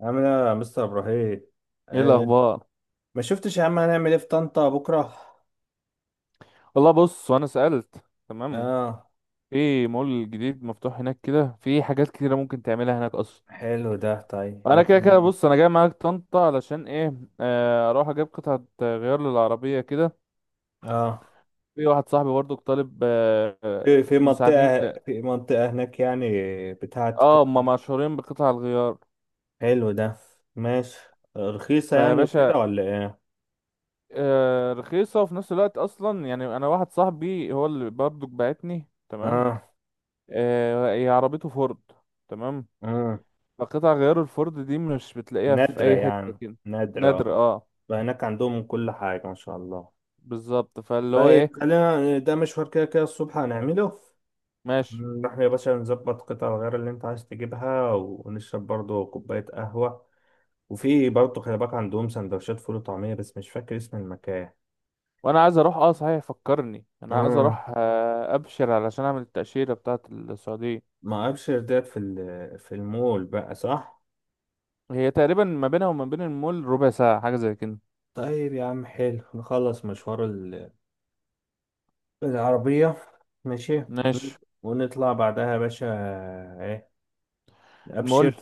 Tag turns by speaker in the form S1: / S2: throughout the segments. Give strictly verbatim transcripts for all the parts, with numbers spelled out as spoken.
S1: عامل ايه يا مستر ابراهيم؟
S2: ايه
S1: آه.
S2: الاخبار؟
S1: ما شفتش يا عم، هنعمل ايه في طنطا بكره؟
S2: والله بص، وانا سألت تمام.
S1: اه.
S2: في مول جديد مفتوح هناك كده، في حاجات كتيرة ممكن تعملها هناك اصلا.
S1: حلو ده. طيب
S2: انا
S1: ممكن
S2: كده كده
S1: نعمل-
S2: بص، انا جاي معاك طنطا علشان ايه؟ آه، اروح اجيب قطعة غيار للعربية كده.
S1: اه
S2: في واحد صاحبي برضو طالب آه،
S1: في في
S2: آه، مساعدين.
S1: منطقه في منطقه هناك يعني، بتاعه
S2: اه،
S1: قطع-
S2: هما مشهورين بقطع الغيار.
S1: حلو ده. ماشي. رخيصه
S2: فيا
S1: يعني وكده
S2: باشا،
S1: ولا ايه؟
S2: آه، رخيصة وفي نفس الوقت، اصلا يعني انا واحد صاحبي هو اللي برضو بعتني، تمام.
S1: اه،
S2: آه، هي عربيته فورد، تمام.
S1: اه.
S2: قطع غيار الفرد دي مش بتلاقيها في
S1: نادره
S2: اي حتة
S1: يعني،
S2: كده. نادر
S1: نادره.
S2: اه.
S1: فهناك عندهم كل حاجه ما شاء الله.
S2: بالظبط، فاللي هو
S1: طيب
S2: ايه.
S1: خلينا ده، مشوار كده كده الصبح هنعمله.
S2: ماشي.
S1: نروح يا باشا نظبط قطع الغيار اللي انت عايز تجيبها، ونشرب برضو كوباية قهوة. وفي برضو خلي بالك عندهم سندوتشات فول وطعمية، بس مش فاكر اسم المكان.
S2: وانا عايز اروح، اه صحيح فكرني، انا عايز
S1: امم
S2: اروح آه، ابشر علشان اعمل التأشيرة بتاعة السعودية.
S1: ما ابشر ده في ال- في المول بقى، صح؟
S2: هي تقريبا ما بينها وما بين المول ربع ساعة، حاجة زي كده.
S1: طيب يا عم، حلو. نخلص مشوار ال- العربية. ماشي ون-
S2: ماشي،
S1: ونطلع بعدها يا باشا. ايه؟
S2: المول.
S1: ابشر.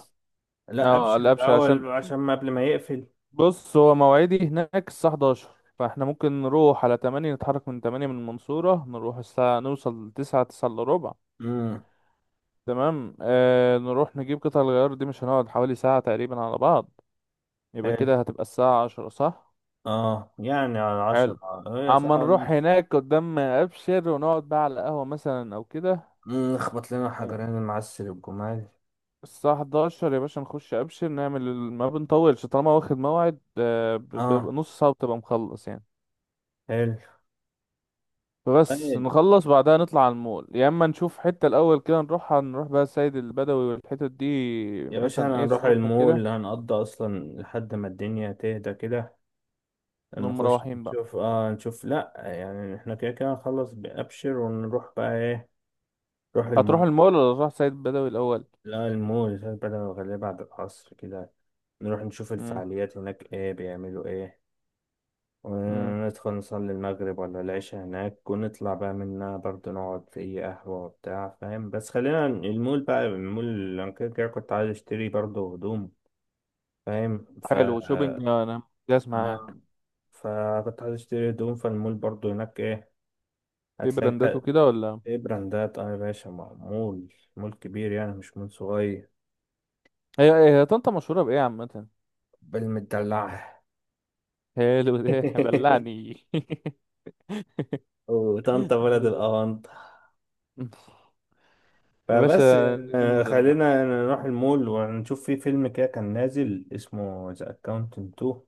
S1: لا
S2: اه
S1: ابشر
S2: الابشر عشان،
S1: الاول، عشان ما قبل ما يقفل.
S2: بص هو مواعيدي هناك الساعة حداشر. فاحنا ممكن نروح على تمانية، نتحرك من تمانية من المنصورة، نروح الساعة نوصل تسعة، تسعة الا ربع،
S1: امم
S2: تمام. آه نروح نجيب قطع الغيار دي، مش هنقعد حوالي ساعة تقريبا على بعض. يبقى
S1: حلو.
S2: كده هتبقى الساعة عشرة صح،
S1: اه يعني على
S2: حلو.
S1: عشرة، هي
S2: اما
S1: ساعة
S2: نروح
S1: ونص.
S2: هناك قدام ابشر ونقعد بقى على قهوة مثلا او كده.
S1: مم، اخبط لنا
S2: آه،
S1: حجرين المعسل والجمال.
S2: الساعة إحدى عشر يا باشا نخش ابشر نعمل ال- ما بنطولش، طالما واخد موعد آه، ب-
S1: اه.
S2: ب- نص ساعة بتبقى مخلص يعني.
S1: حلو.
S2: فبس
S1: طيب
S2: نخلص بعدها نطلع على المول، يا اما نشوف حتة الاول كده نروحها، نروح بقى السيد البدوي والحتت دي.
S1: يا باشا
S2: مثلا
S1: انا
S2: ايه،
S1: هنروح
S2: الصبح كده.
S1: المول، هنقضي اصلا لحد ما الدنيا تهدى كده.
S2: نقوم
S1: نخش
S2: مروحين بقى.
S1: نشوف، اه نشوف. لا يعني احنا كده كده نخلص بأبشر ونروح بقى، ايه؟ نروح
S2: هتروح
S1: المول.
S2: المول ولا تروح سيد بدوي الأول؟
S1: لا المول بدل الغالية بعد العصر كده. نروح نشوف
S2: مم.
S1: الفعاليات هناك، ايه بيعملوا ايه.
S2: مم.
S1: وندخل نصلي المغرب ولا العشاء هناك، ونطلع بقى منها برضه، نقعد في أي قهوة وبتاع، فاهم؟ بس خلينا المول بقى، المول اللي أنا كده كده كنت عايز أشتري برضه هدوم. فاهم؟ ف
S2: حلو، شوبينج أنا جاهز
S1: آه،
S2: معاك.
S1: فكنت عايز أشتري هدوم، فالمول برضه هناك إيه
S2: في
S1: هتلاقي
S2: براندات
S1: بقى.
S2: وكده ولا؟
S1: إيه، براندات. أه يا باشا، مع- مول، مول كبير يعني، مش مول صغير.
S2: هي هي هي طنطا مشهورة بإيه عامة؟
S1: بالمدلعة.
S2: حلو ده، دلعني
S1: وطنطا بلد
S2: دل...
S1: الأونطة.
S2: يا
S1: فبس
S2: باشا
S1: يعني،
S2: نجيب
S1: آه،
S2: مدلع.
S1: خلينا نروح المول ونشوف في فيلم كده كان نازل اسمه ذا اكاونتنت اتنين.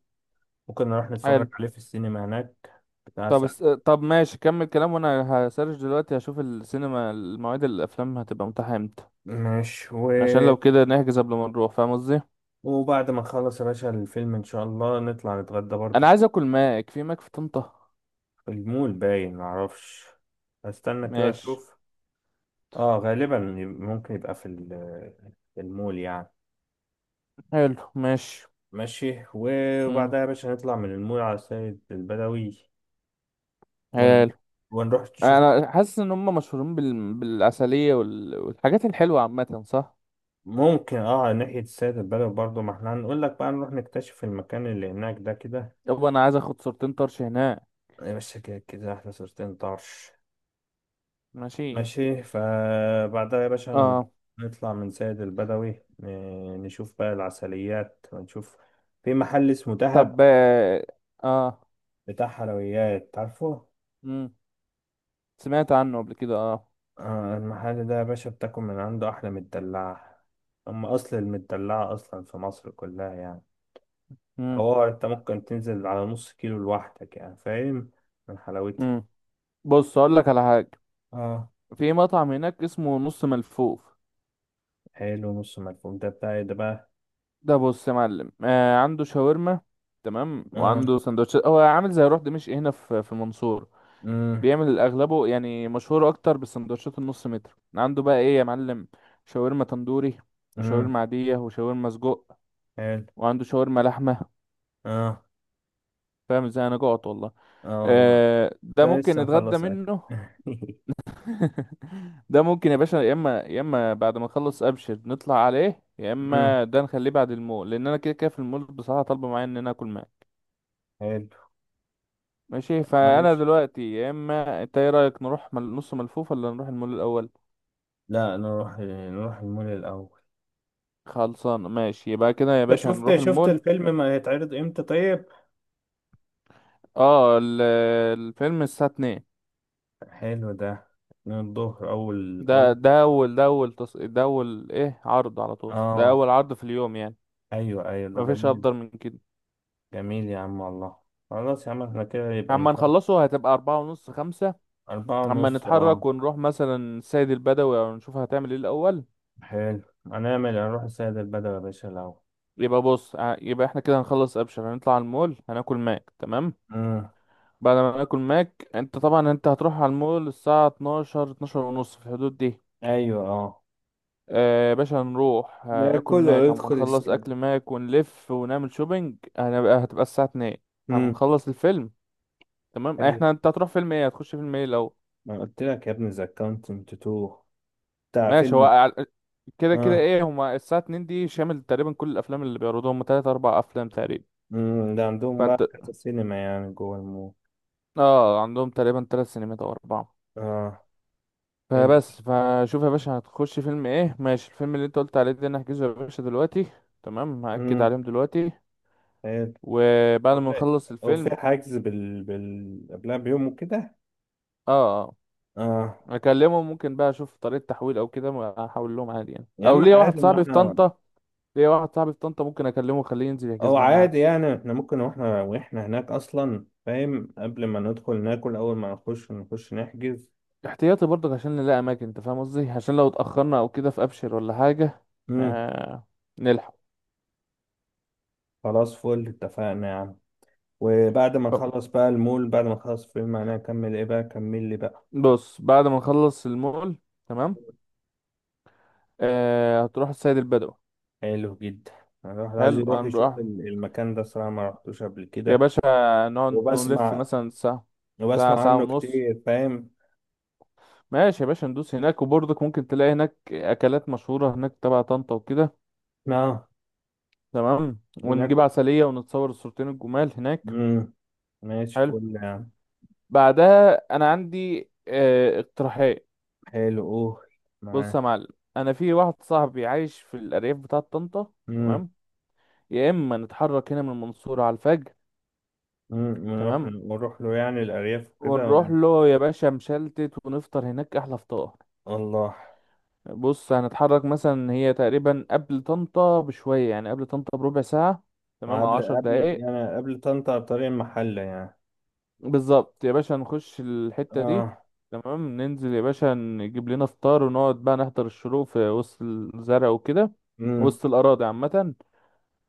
S1: ممكن نروح
S2: حلو.
S1: نتفرج عليه في السينما هناك. بتاع
S2: طب
S1: ساعة.
S2: اس... طب ماشي، كمل كلام وانا هسرش دلوقتي، هشوف السينما المواعيد الافلام هتبقى متاحه امتى.
S1: ماشي و...
S2: عشان لو كده نحجز قبل ما نروح، فاهم قصدي.
S1: وبعد ما نخلص يا باشا الفيلم، ان شاء الله نطلع نتغدى برضه.
S2: انا عايز اكل ماك، في ماك في طنطا.
S1: في المول، باين، معرفش. هستنى كده
S2: ماشي،
S1: اشوف. اه، غالبا ممكن يبقى في ال- في المول يعني.
S2: حلو، ماشي،
S1: ماشي.
S2: امم،
S1: وبعدها يا باشا نطلع من المول على سيد البدوي، ون...
S2: حلو.
S1: ونروح نشوف.
S2: انا حاسس ان هم مشهورين بال... بالعسليه وال... والحاجات الحلوه عامه صح.
S1: ممكن، اه، ناحية السيد البدوي برضه، ما احنا هنقول لك بقى نروح نكتشف المكان اللي هناك ده كده.
S2: يابا انا عايز اخد صورتين طرش هناك.
S1: يا باشا كده كده احنا صورتين طرش.
S2: ماشي
S1: ماشي. فبعدها يا باشا
S2: اه.
S1: نطلع من سيد البدوي، ن- نشوف بقى العسليات ونشوف. في محل اسمه
S2: طب
S1: دهب،
S2: اه. آه،
S1: بتاع حلويات، عارفه؟
S2: مم. سمعت عنه قبل كده اه.
S1: آه، المحل ده يا باشا بتاكل من عنده أحلى مدلعة. هم أصل المدلعة أصلا في مصر كلها يعني.
S2: مم.
S1: حوار انت ممكن تنزل على نص كيلو لوحدك يعني، فاهم؟ من حلاوتها.
S2: مم. بص اقول لك على حاجه.
S1: اه.
S2: في مطعم هناك اسمه نص ملفوف.
S1: حلو. نص ملفوف ده بتاع ايه ده بقى؟
S2: ده بص يا معلم، آه عنده شاورما، تمام،
S1: اه.
S2: وعنده سندوتشات. هو عامل زي روح دمشق، هنا في في المنصورة.
S1: امم.
S2: بيعمل اغلبه، يعني مشهور اكتر بالسندوتشات النص متر. عنده بقى ايه يا معلم: شاورما تندوري،
S1: امم.
S2: وشاورما عادية، وشاورما سجق،
S1: حلو.
S2: وعنده شاورما لحمة.
S1: اه،
S2: فاهم ازاي، انا جوعت والله.
S1: اه والله.
S2: آه
S1: انت
S2: ده ممكن
S1: لسه
S2: نتغدى
S1: مخلص اكل؟
S2: منه. ده ممكن يا باشا، يا اما يا اما بعد ما نخلص ابشر نطلع عليه، يا
S1: امم.
S2: اما ده نخليه بعد المول، لان انا كده كده في المول بصراحة طالبة معايا ان انا اكل معاه.
S1: حلو.
S2: ماشي، فانا
S1: ماشي.
S2: دلوقتي يا اما، انت ايه رايك، نروح مل- نص ملفوف ولا نروح المول الاول؟
S1: لا نروح نروح المول الاول.
S2: خلصان، ماشي، يبقى كده يا
S1: انت
S2: باشا
S1: شفت
S2: هنروح
S1: شفت
S2: المول.
S1: الفيلم ما هيتعرض امتى طيب؟
S2: اه، ال- الفيلم الساعة اتنين.
S1: حلو ده. من الظهر، اول،
S2: ده
S1: اول.
S2: ده أول، ده أول تص... ده أول إيه، عرض على طول، ده
S1: اه.
S2: أول عرض في اليوم يعني.
S1: ايوه، ايوه، ده
S2: مفيش
S1: جميل.
S2: أفضل من كده.
S1: جميل يا عم والله. خلاص يا عم، احنا كده يبقى
S2: أما
S1: نقدر.
S2: نخلصه هتبقى أربعة ونص، خمسة.
S1: أربعة
S2: أما
S1: ونص اه.
S2: نتحرك ونروح مثلا السيد البدوي، أو نشوف هتعمل إيه الأول.
S1: حلو. هنعمل هنروح السيد البدوي يا باشا الأول.
S2: يبقى بص ع- يبقى إحنا كده هنخلص أبشر، هنطلع المول هناكل ماك، تمام.
S1: مم.
S2: بعد ما ناكل ماك، أنت طبعا أنت هتروح على المول الساعة اتناشر، اتناشر ونص في الحدود دي.
S1: ايوه، اه.
S2: آه باشا، هنروح
S1: لا
S2: هناكل
S1: كله، ولا
S2: ماك، اما
S1: يدخل
S2: نخلص
S1: السينما.
S2: اكل ماك ونلف ونعمل شوبينج هنبقى هتبقى الساعة اتنين.
S1: امم.
S2: هنخلص الفيلم، تمام. آه،
S1: حلو.
S2: احنا انت هتروح فيلم ايه، هتخش فيلم ايه لو
S1: ما قلت لك يا ابني، ذا كاونتنت اتنين، بتاع
S2: ماشي هو
S1: فيلم.
S2: على- كده كده
S1: اه.
S2: ايه. هما الساعة اتنين دي شامل تقريبا كل الافلام اللي بيعرضوها، هما تلاتة، أربعة افلام تقريبا.
S1: امم، ده عندهم
S2: فانت
S1: بقى كذا سينما يعني جوه المول.
S2: اه عندهم تقريبا تلات سينمات او أربع.
S1: اه. حلو.
S2: فبس فشوف يا باشا هتخش فيلم ايه، ماشي الفيلم اللي انت قلت عليه ده نحجزه يا باشا دلوقتي، تمام، هأكد
S1: امم.
S2: عليهم دلوقتي.
S1: حلو.
S2: وبعد ما
S1: وفي
S2: نخلص الفيلم،
S1: وفي حجز بال بال قبلها بيوم وكده.
S2: اه. آه.
S1: اه.
S2: اكلمه ممكن بقى اشوف طريقة تحويل او كده، ما احول لهم عادي يعني،
S1: يا
S2: او
S1: عم
S2: ليا واحد
S1: عادي، ما
S2: صاحبي في
S1: احنا
S2: طنطا، ليا واحد صاعبي في طنطا ممكن اكلمه اخليه ينزل
S1: او
S2: يحجز لنا عادي
S1: عادي يعني، احنا ممكن واحنا واحنا هناك اصلا، فاهم؟ قبل ما ندخل ناكل، اول ما نخش نخش نحجز.
S2: احتياطي برضك عشان نلاقي اماكن. انت فاهم قصدي، عشان لو اتاخرنا او كده في ابشر ولا حاجة،
S1: امم.
S2: آه نلحق.
S1: خلاص، فل، اتفقنا يا عم. وبعد ما
S2: أو،
S1: نخلص بقى المول، بعد ما نخلص فيلم، انا اكمل ايه بقى؟ كمل لي بقى.
S2: بص، بعد ما نخلص المول، تمام، آه هتروح السيد البدوي.
S1: حلو جدا. الواحد عايز
S2: حلو،
S1: يروح
S2: هنروح
S1: يشوف ال- المكان ده صراحة، ما رحتوش قبل
S2: يا
S1: كده.
S2: باشا، نقعد نلف
S1: وبسمع
S2: مثلا ساعة، ساعة،
S1: وبسمع
S2: ساعة
S1: عنه
S2: ونص.
S1: كتير، فاهم؟
S2: ماشي يا باشا، ندوس هناك، وبرضك ممكن تلاقي هناك أكلات مشهورة هناك تبع طنطا وكده،
S1: اه.
S2: تمام. ونجيب
S1: ناكل.
S2: عسلية، ونتصور الصورتين الجمال هناك.
S1: امم. ماشي،
S2: حلو،
S1: فل يعني.
S2: بعدها انا عندي آه، اقتراحات.
S1: حلو. اوه. معاه.
S2: بص يا معلم، انا في واحد صاحبي عايش في الارياف بتاعة طنطا،
S1: امم.
S2: تمام. يا اما نتحرك هنا من المنصورة على الفجر،
S1: ونروح
S2: تمام،
S1: ونروح له يعني الارياف وكده و-
S2: ونروح له يا باشا مشلتت، ونفطر هناك احلى فطار.
S1: الله.
S2: بص هنتحرك مثلا، هي تقريبا قبل طنطا بشوية، يعني قبل طنطا بربع ساعة، تمام، او
S1: قبل
S2: عشر
S1: قبل
S2: دقايق.
S1: يعني قبل طنطا بطريق المحلة يعني.
S2: بالظبط يا باشا، نخش الحتة دي،
S1: اه.
S2: تمام. ننزل يا باشا نجيب لنا فطار، ونقعد بقى نحضر الشروق في وسط الزرع وكده،
S1: امم.
S2: وسط الأراضي عامة،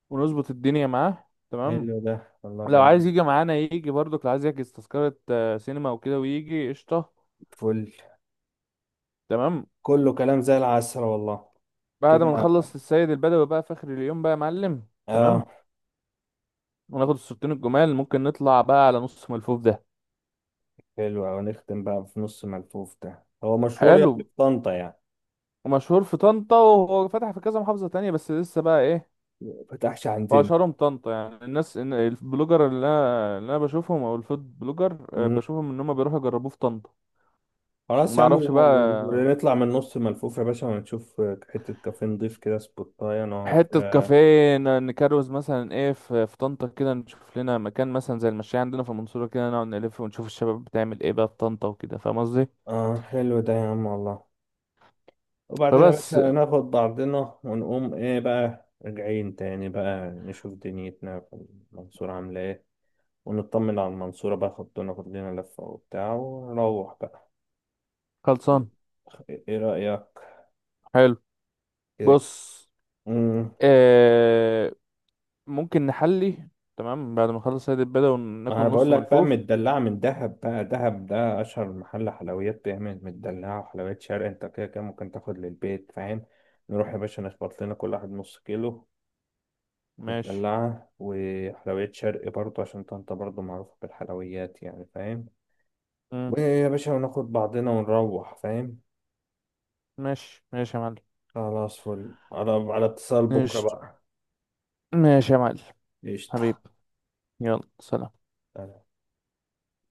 S2: ونظبط الدنيا معاه، تمام.
S1: حلو ده والله،
S2: لو
S1: جميل.
S2: عايز يجي معانا يجي برضك، لو عايز يحجز تذكرة آه، سينما وكده ويجي قشطة،
S1: فل.
S2: تمام.
S1: كله كلام زي العسل والله.
S2: بعد
S1: كده.
S2: ما نخلص السيد البدوي بقى في آخر اليوم بقى يا معلم، تمام.
S1: اه.
S2: وناخد الصورتين الجمال، ممكن نطلع بقى على نص ملفوف ده.
S1: حلو أوي. نختم بقى في نص ملفوف ده، هو مشهور يعني
S2: حلو.
S1: في طنطا يعني؟
S2: مشهور في طنطا، وهو فتح في كذا محافظة تانية، بس لسه بقى ايه.
S1: ما فتحش عندنا.
S2: واشهرهم طنطا، يعني الناس إن- البلوجر اللي انا اللي انا بشوفهم، او الفود بلوجر، آه،
S1: مم.
S2: بشوفهم ان هم بيروحوا يجربوه في طنطا.
S1: خلاص
S2: ما
S1: يا عم،
S2: اعرفش
S1: و-
S2: بقى.
S1: ونطلع من نص ملفوف يا باشا ونشوف. حتة كافيه نضيف كده، سبوتاية، نقعد،
S2: حته
S1: اه
S2: كافيه ن- نكروز مثلا، ايه، في في طنطا كده، نشوف لنا مكان مثلا زي المشاية عندنا في المنصوره كده، نقعد نلف ونشوف الشباب بتعمل ايه بقى في طنطا وكده، فاهم قصدي.
S1: آه، حلو ده يا عم والله. وبعدين يا باشا
S2: فبس،
S1: ناخد بعضنا ونقوم، ايه بقى راجعين تاني بقى، نشوف دنيتنا في المنصورة عاملة ايه. ونطمن على المنصورة بقى، خدونا ناخد لنا لفة وبتاع، ونروح بقى.
S2: خلصان،
S1: ايه رأيك؟
S2: حلو.
S1: كده.
S2: بص،
S1: امم.
S2: آه ممكن نحلي، تمام، بعد ما نخلص هذه البدا
S1: ما
S2: وناكل
S1: انا بقول
S2: نص
S1: لك بقى،
S2: ملفوف.
S1: مدلعة من دهب بقى. دهب ده اشهر محل حلويات بيعمل مدلعة وحلويات شرق. انت كده كده ممكن تاخد للبيت، فاهم؟ نروح يا باشا نخبط لنا كل واحد نص كيلو
S2: ماشي،
S1: مدلعة وحلويات شرق برضه، عشان انت برضه معروفة بالحلويات يعني، فاهم؟
S2: مم.
S1: ويا باشا وناخد بعضنا ونروح، فاهم؟
S2: ماشي، ماشي يا معلم،
S1: خلاص، فل. على على اتصال بكرة
S2: ماشي
S1: بقى.
S2: ماشي يا معلم، حبيب،
S1: قشطة.
S2: يلا سلام.